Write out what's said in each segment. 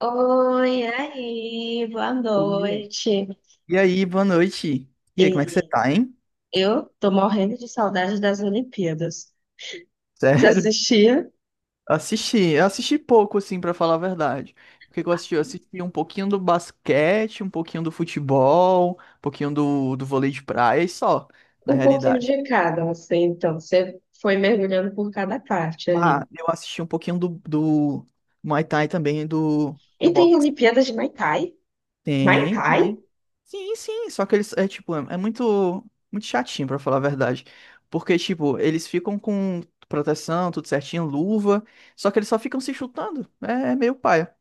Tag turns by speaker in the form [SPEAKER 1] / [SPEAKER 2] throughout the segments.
[SPEAKER 1] Oi, aí, boa
[SPEAKER 2] Oi.
[SPEAKER 1] noite.
[SPEAKER 2] E aí, boa noite. E aí, como é que você
[SPEAKER 1] E
[SPEAKER 2] tá, hein?
[SPEAKER 1] eu tô morrendo de saudade das Olimpíadas. Você
[SPEAKER 2] Sério?
[SPEAKER 1] assistia
[SPEAKER 2] Assisti, eu assisti pouco, assim, pra falar a verdade. O que que eu assisti? Eu assisti um pouquinho do basquete, um pouquinho do futebol, um pouquinho do vôlei de praia e só, na
[SPEAKER 1] um pouquinho
[SPEAKER 2] realidade.
[SPEAKER 1] de cada, assim, então você foi mergulhando por cada parte ali.
[SPEAKER 2] Ah, eu assisti um pouquinho do Muay Thai também, do,
[SPEAKER 1] E
[SPEAKER 2] do
[SPEAKER 1] tem
[SPEAKER 2] boxe.
[SPEAKER 1] Olimpíadas de Muay Thai. Muay
[SPEAKER 2] Tem,
[SPEAKER 1] Thai?
[SPEAKER 2] tem. Sim, sim, só que eles é tipo muito muito chatinho pra falar a verdade, porque tipo, eles ficam com proteção, tudo certinho, luva, só que eles só ficam se chutando. É meio paia.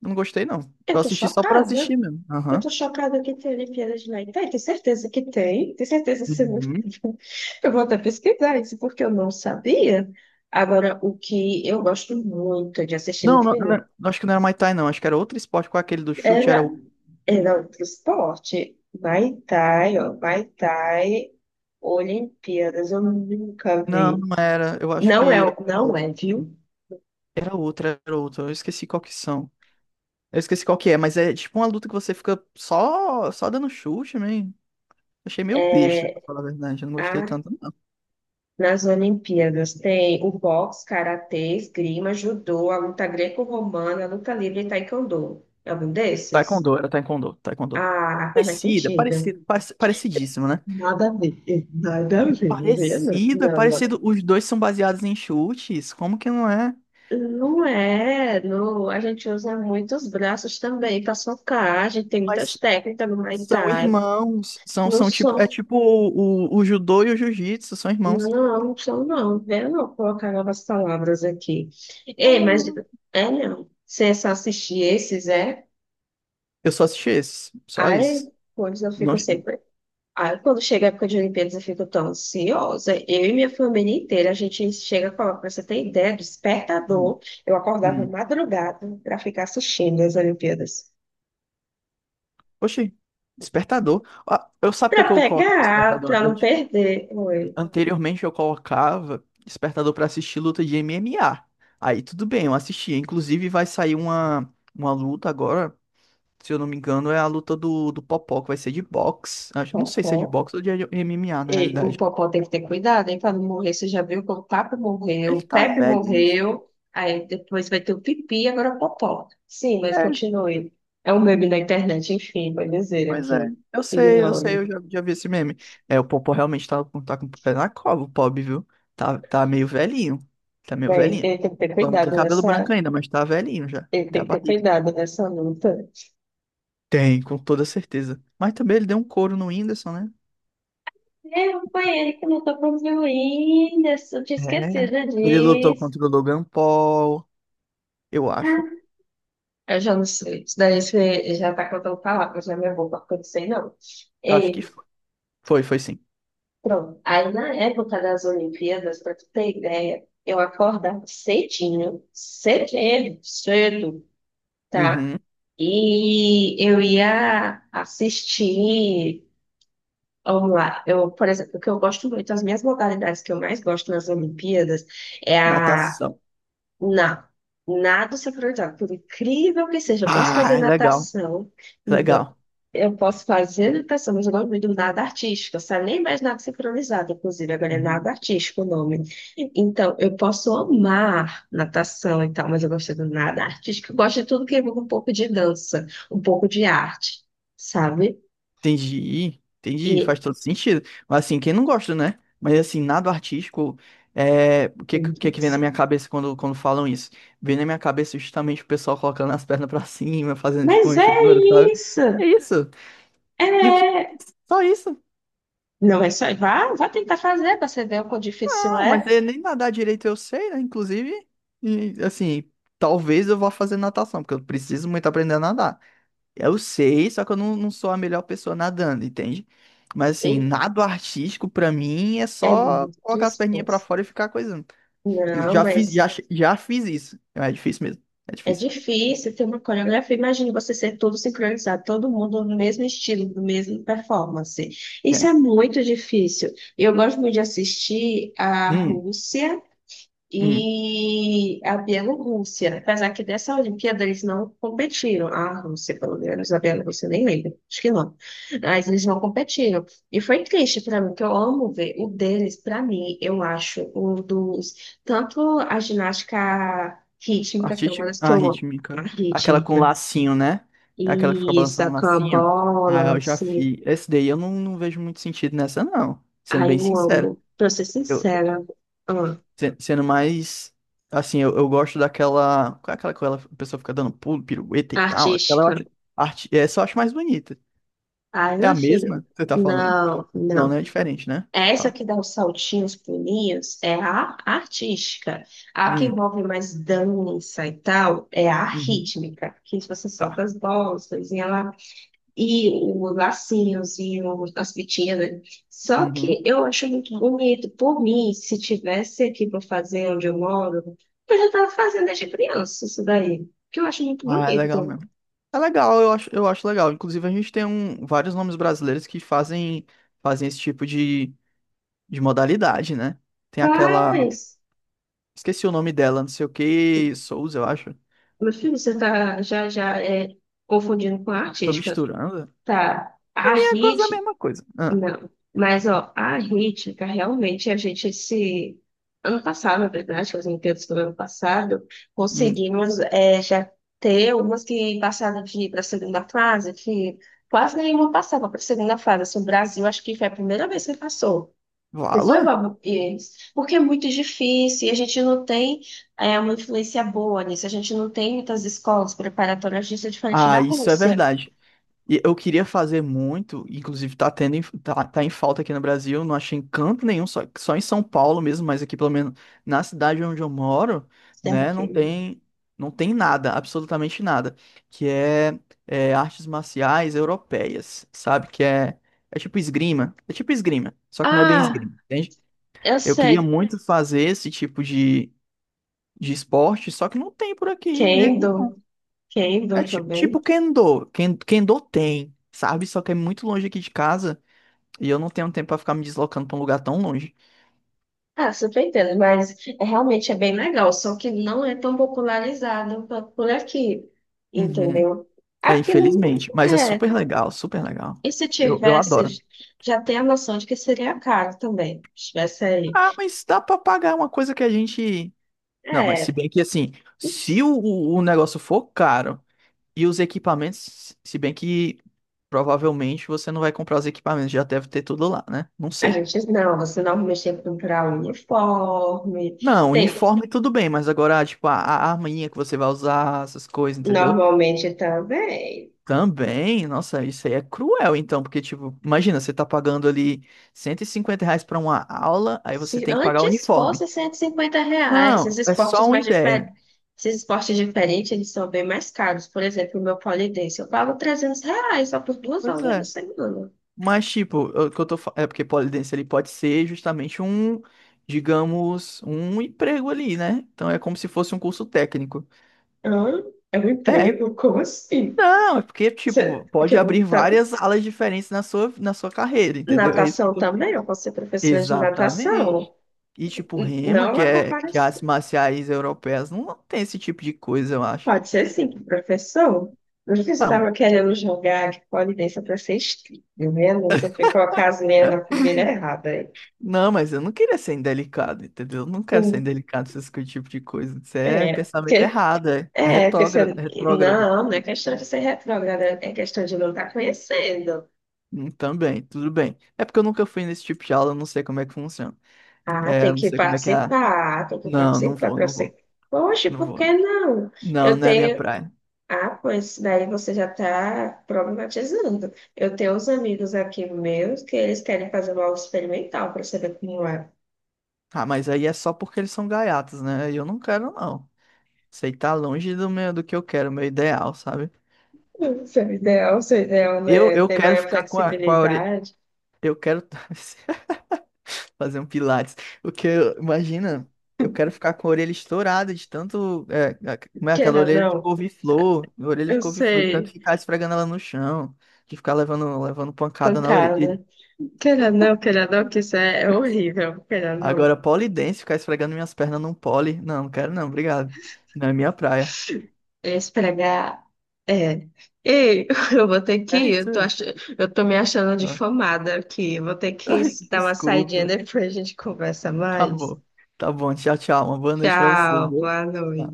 [SPEAKER 2] Não gostei não.
[SPEAKER 1] Eu
[SPEAKER 2] Eu
[SPEAKER 1] tô
[SPEAKER 2] assisti só pra assistir
[SPEAKER 1] chocada.
[SPEAKER 2] mesmo.
[SPEAKER 1] Eu
[SPEAKER 2] Aham.
[SPEAKER 1] tô chocada que tem Olimpíadas de Muay Thai. Tenho certeza que tem. Tenho certeza que você não...
[SPEAKER 2] Uhum.
[SPEAKER 1] Eu vou até pesquisar isso porque eu não sabia. Agora, o que eu gosto muito de assistir no
[SPEAKER 2] Não, não, não,
[SPEAKER 1] filme.
[SPEAKER 2] não, acho que não era Muay Thai não, acho que era outro esporte com aquele do chute, era o.
[SPEAKER 1] É, não, pro esporte. Muay Thai, ó. Muay Thai, Olimpíadas, eu nunca
[SPEAKER 2] Não,
[SPEAKER 1] vi.
[SPEAKER 2] não era. Eu acho
[SPEAKER 1] Não
[SPEAKER 2] que
[SPEAKER 1] é,
[SPEAKER 2] era
[SPEAKER 1] não
[SPEAKER 2] outro.
[SPEAKER 1] é, viu?
[SPEAKER 2] Era outro, era outro. Eu esqueci qual que são. Eu esqueci qual que é, mas é tipo uma luta que você fica só dando chute, man. Achei meio besta, pra falar a verdade. Eu não gostei
[SPEAKER 1] Ah,
[SPEAKER 2] tanto, não.
[SPEAKER 1] nas Olimpíadas tem o boxe, karatê, esgrima, judô, a luta greco-romana, a luta livre e taekwondo. É algum desses?
[SPEAKER 2] Taekwondo, era Taekwondo, Taekwondo.
[SPEAKER 1] Ah, faz mais
[SPEAKER 2] Parecida,
[SPEAKER 1] sentido.
[SPEAKER 2] parecido, parecidíssimo, né?
[SPEAKER 1] Nada a ver, nada a
[SPEAKER 2] É
[SPEAKER 1] ver, não, vê, não,
[SPEAKER 2] parecido, é
[SPEAKER 1] não, não.
[SPEAKER 2] parecido. Os dois são baseados em chutes. Como que não é?
[SPEAKER 1] Não é, não, a gente usa muitos braços também para socar, a gente tem muitas
[SPEAKER 2] Mas
[SPEAKER 1] técnicas no Muay
[SPEAKER 2] são
[SPEAKER 1] Thai.
[SPEAKER 2] irmãos. São,
[SPEAKER 1] Não
[SPEAKER 2] são tipo. É
[SPEAKER 1] sou,
[SPEAKER 2] tipo o judô e o jiu-jitsu, são irmãos.
[SPEAKER 1] não sou não, eu não colocar novas palavras aqui. Ei,
[SPEAKER 2] Como
[SPEAKER 1] mas,
[SPEAKER 2] não?
[SPEAKER 1] é não, se é só assistir esses, é,
[SPEAKER 2] Eu só assisti esses. Só
[SPEAKER 1] aí,
[SPEAKER 2] esses.
[SPEAKER 1] pois eu
[SPEAKER 2] Não...
[SPEAKER 1] fico sempre, aí quando chega a época de Olimpíadas eu fico tão ansiosa, eu e minha família inteira, a gente chega a colocar, pra você ter ideia, despertador,
[SPEAKER 2] Hum.
[SPEAKER 1] eu acordava
[SPEAKER 2] Hum.
[SPEAKER 1] madrugada para ficar assistindo as Olimpíadas.
[SPEAKER 2] Oxi. Despertador. Ah, eu sabe o que é
[SPEAKER 1] Pra
[SPEAKER 2] que eu coloco no
[SPEAKER 1] pegar,
[SPEAKER 2] despertador
[SPEAKER 1] pra não
[SPEAKER 2] antes?
[SPEAKER 1] perder. Oi.
[SPEAKER 2] Anteriormente eu colocava despertador pra assistir luta de MMA. Aí tudo bem, eu assistia. Inclusive vai sair uma luta agora, se eu não me engano, é a luta do Popó, que vai ser de boxe. Acho, não sei
[SPEAKER 1] Popó.
[SPEAKER 2] se é de boxe ou de MMA na
[SPEAKER 1] E o
[SPEAKER 2] realidade.
[SPEAKER 1] Popó tem que ter cuidado, hein, pra não morrer. Você já viu que o Papo morreu,
[SPEAKER 2] Ele
[SPEAKER 1] o
[SPEAKER 2] tá
[SPEAKER 1] Pepe
[SPEAKER 2] velhinho assim.
[SPEAKER 1] morreu, aí depois vai ter o Pipi, agora o Popó. Sim, mas
[SPEAKER 2] É,
[SPEAKER 1] continue. É um meme da internet, enfim, vai dizer
[SPEAKER 2] pois é.
[SPEAKER 1] aqui.
[SPEAKER 2] Eu sei, eu sei,
[SPEAKER 1] Ignore.
[SPEAKER 2] eu já, já vi esse meme. É, o Popó realmente tá, tá com o pé na cova, o pobre, viu? Tá, tá meio velhinho. Tá meio
[SPEAKER 1] Bem,
[SPEAKER 2] velhinho.
[SPEAKER 1] ele tem que ter
[SPEAKER 2] Só não tem
[SPEAKER 1] cuidado
[SPEAKER 2] cabelo
[SPEAKER 1] nessa.
[SPEAKER 2] branco ainda, mas tá velhinho já.
[SPEAKER 1] Ele
[SPEAKER 2] Até
[SPEAKER 1] tem
[SPEAKER 2] a
[SPEAKER 1] que ter
[SPEAKER 2] barriga.
[SPEAKER 1] cuidado nessa luta.
[SPEAKER 2] Tem, com toda certeza. Mas também ele deu um couro no Whindersson, né?
[SPEAKER 1] É, foi ele que lutou contra o Whindersson, tinha
[SPEAKER 2] É,
[SPEAKER 1] esquecido
[SPEAKER 2] ele lutou
[SPEAKER 1] disso.
[SPEAKER 2] contra o Logan Paul, eu acho.
[SPEAKER 1] Ah, eu já não sei. Isso daí você já tá contando palavras na minha boca, porque eu não sei não.
[SPEAKER 2] Eu acho que
[SPEAKER 1] E,
[SPEAKER 2] foi, foi sim.
[SPEAKER 1] pronto. Aí na época das Olimpíadas, pra tu ter ideia, eu acordava cedinho, cedinho, cedo, tá?
[SPEAKER 2] Uhum.
[SPEAKER 1] E eu ia assistir. Vamos lá, eu, por exemplo, o que eu gosto muito, as minhas modalidades que eu mais gosto nas Olimpíadas é a...
[SPEAKER 2] Natação.
[SPEAKER 1] Não, nado sincronizado, por incrível que seja, eu posso fazer
[SPEAKER 2] Ah, legal,
[SPEAKER 1] natação, então,
[SPEAKER 2] legal.
[SPEAKER 1] eu posso fazer natação, mas o nome do nado artístico, sabe? Nem mais nado sincronizado, inclusive, agora é nado
[SPEAKER 2] Uhum.
[SPEAKER 1] artístico o nome. Então, eu posso amar natação e tal, mas eu gosto do nado artístico, eu gosto de tudo que envolve um pouco de dança, um pouco de arte, sabe?
[SPEAKER 2] Entendi, entendi, faz
[SPEAKER 1] E.
[SPEAKER 2] todo sentido. Mas assim, quem não gosta, né? Mas assim, nada artístico, é... o que, que vem na minha cabeça quando, quando falam isso? Vem na minha cabeça justamente o pessoal colocando as pernas pra cima, fazendo tipo uma
[SPEAKER 1] Mas é
[SPEAKER 2] enchidura, sabe?
[SPEAKER 1] isso!
[SPEAKER 2] É isso. E o que?
[SPEAKER 1] É.
[SPEAKER 2] Só isso.
[SPEAKER 1] Não é só. Vá, vá tentar fazer para você ver o quão difícil
[SPEAKER 2] Não, mas
[SPEAKER 1] é.
[SPEAKER 2] nem nadar direito eu sei, né? Inclusive, e, assim, talvez eu vá fazer natação, porque eu preciso muito aprender a nadar. Eu sei, só que eu não, não sou a melhor pessoa nadando, entende? Mas assim, nado artístico pra mim é
[SPEAKER 1] É
[SPEAKER 2] só
[SPEAKER 1] muito
[SPEAKER 2] colocar as perninhas pra
[SPEAKER 1] esforço.
[SPEAKER 2] fora e ficar coisando. E
[SPEAKER 1] Não,
[SPEAKER 2] já fiz, já,
[SPEAKER 1] mas
[SPEAKER 2] já fiz isso. É difícil mesmo. É
[SPEAKER 1] é
[SPEAKER 2] difícil.
[SPEAKER 1] difícil ter uma coreografia. Imagine você ser todo sincronizado, todo mundo no mesmo estilo, no mesmo performance. Isso é
[SPEAKER 2] É.
[SPEAKER 1] muito difícil. Eu gosto muito de assistir a
[SPEAKER 2] Hum,
[SPEAKER 1] Rússia
[SPEAKER 2] hum.
[SPEAKER 1] e a Bielorrússia, apesar que dessa Olimpíada eles não competiram, a Rússia, pelo menos, a Bielorrússia nem lembra? Acho que não, mas eles não competiram, e foi triste para mim, que eu amo ver o deles, para mim, eu acho, um dos, tanto a ginástica rítmica, que é
[SPEAKER 2] Artista...
[SPEAKER 1] uma das que
[SPEAKER 2] Ah,
[SPEAKER 1] eu amo, a
[SPEAKER 2] rítmica. Aquela com
[SPEAKER 1] rítmica,
[SPEAKER 2] lacinho, né? Aquela que fica
[SPEAKER 1] e
[SPEAKER 2] balançando
[SPEAKER 1] sacar a
[SPEAKER 2] lacinho.
[SPEAKER 1] bola,
[SPEAKER 2] Ah, eu já
[SPEAKER 1] lance,
[SPEAKER 2] fiz. Esse daí eu não, não vejo muito sentido nessa, não. Sendo
[SPEAKER 1] ai
[SPEAKER 2] bem
[SPEAKER 1] eu
[SPEAKER 2] sincero.
[SPEAKER 1] amo, pra ser
[SPEAKER 2] Eu,
[SPEAKER 1] sincera, ah,
[SPEAKER 2] sendo mais. Assim, eu gosto daquela. Qual é aquela que ela, a pessoa fica dando pulo, pirueta e tal? Aquela eu
[SPEAKER 1] artística,
[SPEAKER 2] acho. Arte, essa eu acho mais bonita.
[SPEAKER 1] ai
[SPEAKER 2] É a
[SPEAKER 1] meu filho,
[SPEAKER 2] mesma que você tá falando?
[SPEAKER 1] não,
[SPEAKER 2] Não, não
[SPEAKER 1] não.
[SPEAKER 2] é diferente, né?
[SPEAKER 1] Essa
[SPEAKER 2] Tá.
[SPEAKER 1] que dá os saltinhos, pulinhos, é a artística. A que
[SPEAKER 2] Hum,
[SPEAKER 1] envolve mais dança e tal, é a
[SPEAKER 2] uhum,
[SPEAKER 1] rítmica, que você solta
[SPEAKER 2] tá.
[SPEAKER 1] as bolsas e ela e os lacinhos e as fitinhas. Né? Só que
[SPEAKER 2] Uhum.
[SPEAKER 1] eu acho muito bonito. Por mim, se tivesse aqui para fazer onde eu moro, eu já estava fazendo desde criança isso daí, que eu acho muito
[SPEAKER 2] Ah, é legal
[SPEAKER 1] bonito.
[SPEAKER 2] mesmo. É legal, eu acho legal. Inclusive, a gente tem um, vários nomes brasileiros que fazem, fazem esse tipo de modalidade, né? Tem aquela.
[SPEAKER 1] Mas,
[SPEAKER 2] Esqueci o nome dela, não sei o que, Souza, eu acho.
[SPEAKER 1] meu filho, você tá já já é, confundindo com a
[SPEAKER 2] Tô
[SPEAKER 1] artística.
[SPEAKER 2] misturando.
[SPEAKER 1] Tá.
[SPEAKER 2] Pra
[SPEAKER 1] A
[SPEAKER 2] mim é quase a
[SPEAKER 1] rit...
[SPEAKER 2] mesma coisa. Ah,
[SPEAKER 1] Não, mas ó, a rítmica realmente a gente esse ano passado, na verdade, fazendo todos do ano passado,
[SPEAKER 2] hum.
[SPEAKER 1] conseguimos é, já ter umas que passaram de para a segunda fase, que quase nenhuma passava para a segunda fase. Assim, o Brasil acho que foi a primeira vez que passou. E foi
[SPEAKER 2] Valor?
[SPEAKER 1] bom, eles, porque é muito difícil e a gente não tem é, uma influência boa nisso. A gente não tem muitas escolas preparatórias disso, diferente da
[SPEAKER 2] Ah, isso é
[SPEAKER 1] Rússia.
[SPEAKER 2] verdade. E eu queria fazer muito, inclusive tá tendo, tá, tá em falta aqui no Brasil, não achei em canto nenhum, só, só em São Paulo mesmo, mas aqui pelo menos na cidade onde eu moro,
[SPEAKER 1] Será
[SPEAKER 2] né, não
[SPEAKER 1] que-
[SPEAKER 2] tem, não tem nada, absolutamente nada, que é, é artes marciais europeias, sabe? Que é, é tipo esgrima, só que não é bem
[SPEAKER 1] Ah,
[SPEAKER 2] esgrima, entende?
[SPEAKER 1] eu
[SPEAKER 2] Eu queria
[SPEAKER 1] sei.
[SPEAKER 2] muito fazer esse tipo de esporte, só que não tem por aqui, de jeito nenhum.
[SPEAKER 1] Kendo.
[SPEAKER 2] É
[SPEAKER 1] Kendall
[SPEAKER 2] tipo
[SPEAKER 1] também.
[SPEAKER 2] Kendo. Kendo tem, sabe? Só que é muito longe aqui de casa e eu não tenho tempo pra ficar me deslocando pra um lugar tão longe.
[SPEAKER 1] Ah, super entendo, mas realmente é bem legal, só que não é tão popularizado por aqui,
[SPEAKER 2] Uhum.
[SPEAKER 1] entendeu?
[SPEAKER 2] É,
[SPEAKER 1] Aqui não
[SPEAKER 2] infelizmente. Mas é super
[SPEAKER 1] é.
[SPEAKER 2] legal, super legal.
[SPEAKER 1] E se
[SPEAKER 2] Eu adoro.
[SPEAKER 1] tivesse, já tem a noção de que seria caro também, se tivesse aí.
[SPEAKER 2] Ah, mas dá pra pagar uma coisa que a gente. Não, mas se
[SPEAKER 1] É,
[SPEAKER 2] bem que assim, se o, o negócio for caro e os equipamentos, se bem que provavelmente você não vai comprar os equipamentos, já deve ter tudo lá, né? Não
[SPEAKER 1] a
[SPEAKER 2] sei.
[SPEAKER 1] gente não, você normalmente tem que comprar um uniforme,
[SPEAKER 2] Não,
[SPEAKER 1] tem,
[SPEAKER 2] uniforme tudo bem, mas agora, tipo, a arminha que você vai usar, essas coisas, entendeu?
[SPEAKER 1] normalmente também.
[SPEAKER 2] Também, nossa, isso aí é cruel, então, porque, tipo, imagina, você tá pagando ali R$ 150 pra uma aula, aí você
[SPEAKER 1] Se
[SPEAKER 2] tem que pagar o
[SPEAKER 1] antes
[SPEAKER 2] uniforme.
[SPEAKER 1] fosse R$ 150, esses
[SPEAKER 2] Não, é só
[SPEAKER 1] esportes
[SPEAKER 2] uma
[SPEAKER 1] mais diferentes,
[SPEAKER 2] ideia.
[SPEAKER 1] esses esportes diferentes, eles são bem mais caros. Por exemplo, o meu pole dance, eu pago R$ 300 só por duas
[SPEAKER 2] Pois
[SPEAKER 1] aulas na
[SPEAKER 2] é.
[SPEAKER 1] semana.
[SPEAKER 2] Mas, tipo, o que eu tô falando é porque polidense ele pode ser justamente um, digamos, um emprego ali, né? Então é como se fosse um curso técnico.
[SPEAKER 1] Hã? É um
[SPEAKER 2] É,
[SPEAKER 1] emprego? Como assim?
[SPEAKER 2] não, é porque,
[SPEAKER 1] Você,
[SPEAKER 2] tipo,
[SPEAKER 1] que
[SPEAKER 2] pode abrir várias alas diferentes na sua carreira, entendeu? É isso.
[SPEAKER 1] natação também, eu vou ser professora de natação.
[SPEAKER 2] Exatamente. E tipo,
[SPEAKER 1] Não
[SPEAKER 2] Rema,
[SPEAKER 1] é
[SPEAKER 2] que
[SPEAKER 1] uma
[SPEAKER 2] é que
[SPEAKER 1] comparação.
[SPEAKER 2] as marciais europeias não, não tem esse tipo de coisa, eu acho.
[SPEAKER 1] Pode ser sim, professor. Não sei se você
[SPEAKER 2] Ah, mas
[SPEAKER 1] estava querendo jogar de pole dance para ser inscrito, tá vendo? Você foi colocar as meias na
[SPEAKER 2] é.
[SPEAKER 1] fogueira errada aí.
[SPEAKER 2] Não, mas eu não queria ser indelicado, entendeu? Eu não quero ser indelicado com esse tipo de coisa. Isso é
[SPEAKER 1] É,
[SPEAKER 2] pensamento
[SPEAKER 1] porque,
[SPEAKER 2] errado, é
[SPEAKER 1] é, porque você,
[SPEAKER 2] retrógrado, retrógrado.
[SPEAKER 1] não, não é questão de ser retrógrada, é questão de não estar conhecendo.
[SPEAKER 2] Também, tudo bem. É porque eu nunca fui nesse tipo de aula, eu não sei como é que funciona.
[SPEAKER 1] Ah,
[SPEAKER 2] É, eu não sei como é que é.
[SPEAKER 1] tem que
[SPEAKER 2] Não, não
[SPEAKER 1] participar
[SPEAKER 2] vou,
[SPEAKER 1] para
[SPEAKER 2] não
[SPEAKER 1] você.
[SPEAKER 2] vou,
[SPEAKER 1] Poxa,
[SPEAKER 2] não
[SPEAKER 1] por
[SPEAKER 2] vou.
[SPEAKER 1] que não?
[SPEAKER 2] Não,
[SPEAKER 1] Eu
[SPEAKER 2] não é minha
[SPEAKER 1] tenho.
[SPEAKER 2] praia.
[SPEAKER 1] Ah, pois daí você já está problematizando. Eu tenho uns amigos aqui meus que eles querem fazer uma aula experimental para saber como é.
[SPEAKER 2] Ah, mas aí é só porque eles são gaiatas, né? Eu não quero, não. Isso aí tá longe do meu, do que eu quero, meu ideal, sabe?
[SPEAKER 1] Seu ideal, né?
[SPEAKER 2] Eu
[SPEAKER 1] Ter
[SPEAKER 2] quero
[SPEAKER 1] maior
[SPEAKER 2] ficar com a orelha.
[SPEAKER 1] flexibilidade.
[SPEAKER 2] Eu quero fazer um pilates. O que eu, imagina, eu quero ficar com a orelha estourada de tanto. É, como é aquela
[SPEAKER 1] Queira ou
[SPEAKER 2] orelha
[SPEAKER 1] não,
[SPEAKER 2] de couve-flor? Orelha de
[SPEAKER 1] eu
[SPEAKER 2] couve-flor, de tanto
[SPEAKER 1] sei,
[SPEAKER 2] ficar esfregando ela no chão, de ficar levando, levando pancada na orelha.
[SPEAKER 1] pancada. Queira não, que isso é, é horrível. Queira não,
[SPEAKER 2] Agora, polidense, ficar esfregando minhas pernas num pole. Não, não quero não, obrigado. Não é minha praia.
[SPEAKER 1] esfregar. É. Ei, eu vou ter que
[SPEAKER 2] É
[SPEAKER 1] ir. Eu tô,
[SPEAKER 2] isso.
[SPEAKER 1] ach... eu tô me achando
[SPEAKER 2] Não.
[SPEAKER 1] difamada aqui. Eu vou ter que
[SPEAKER 2] Ai,
[SPEAKER 1] dar uma saidinha
[SPEAKER 2] desculpa.
[SPEAKER 1] depois a gente conversa
[SPEAKER 2] Tá
[SPEAKER 1] mais.
[SPEAKER 2] bom. Tá bom. Tchau, tchau. Uma boa noite pra você,
[SPEAKER 1] Tchau,
[SPEAKER 2] viu?
[SPEAKER 1] boa
[SPEAKER 2] Tchau.
[SPEAKER 1] noite.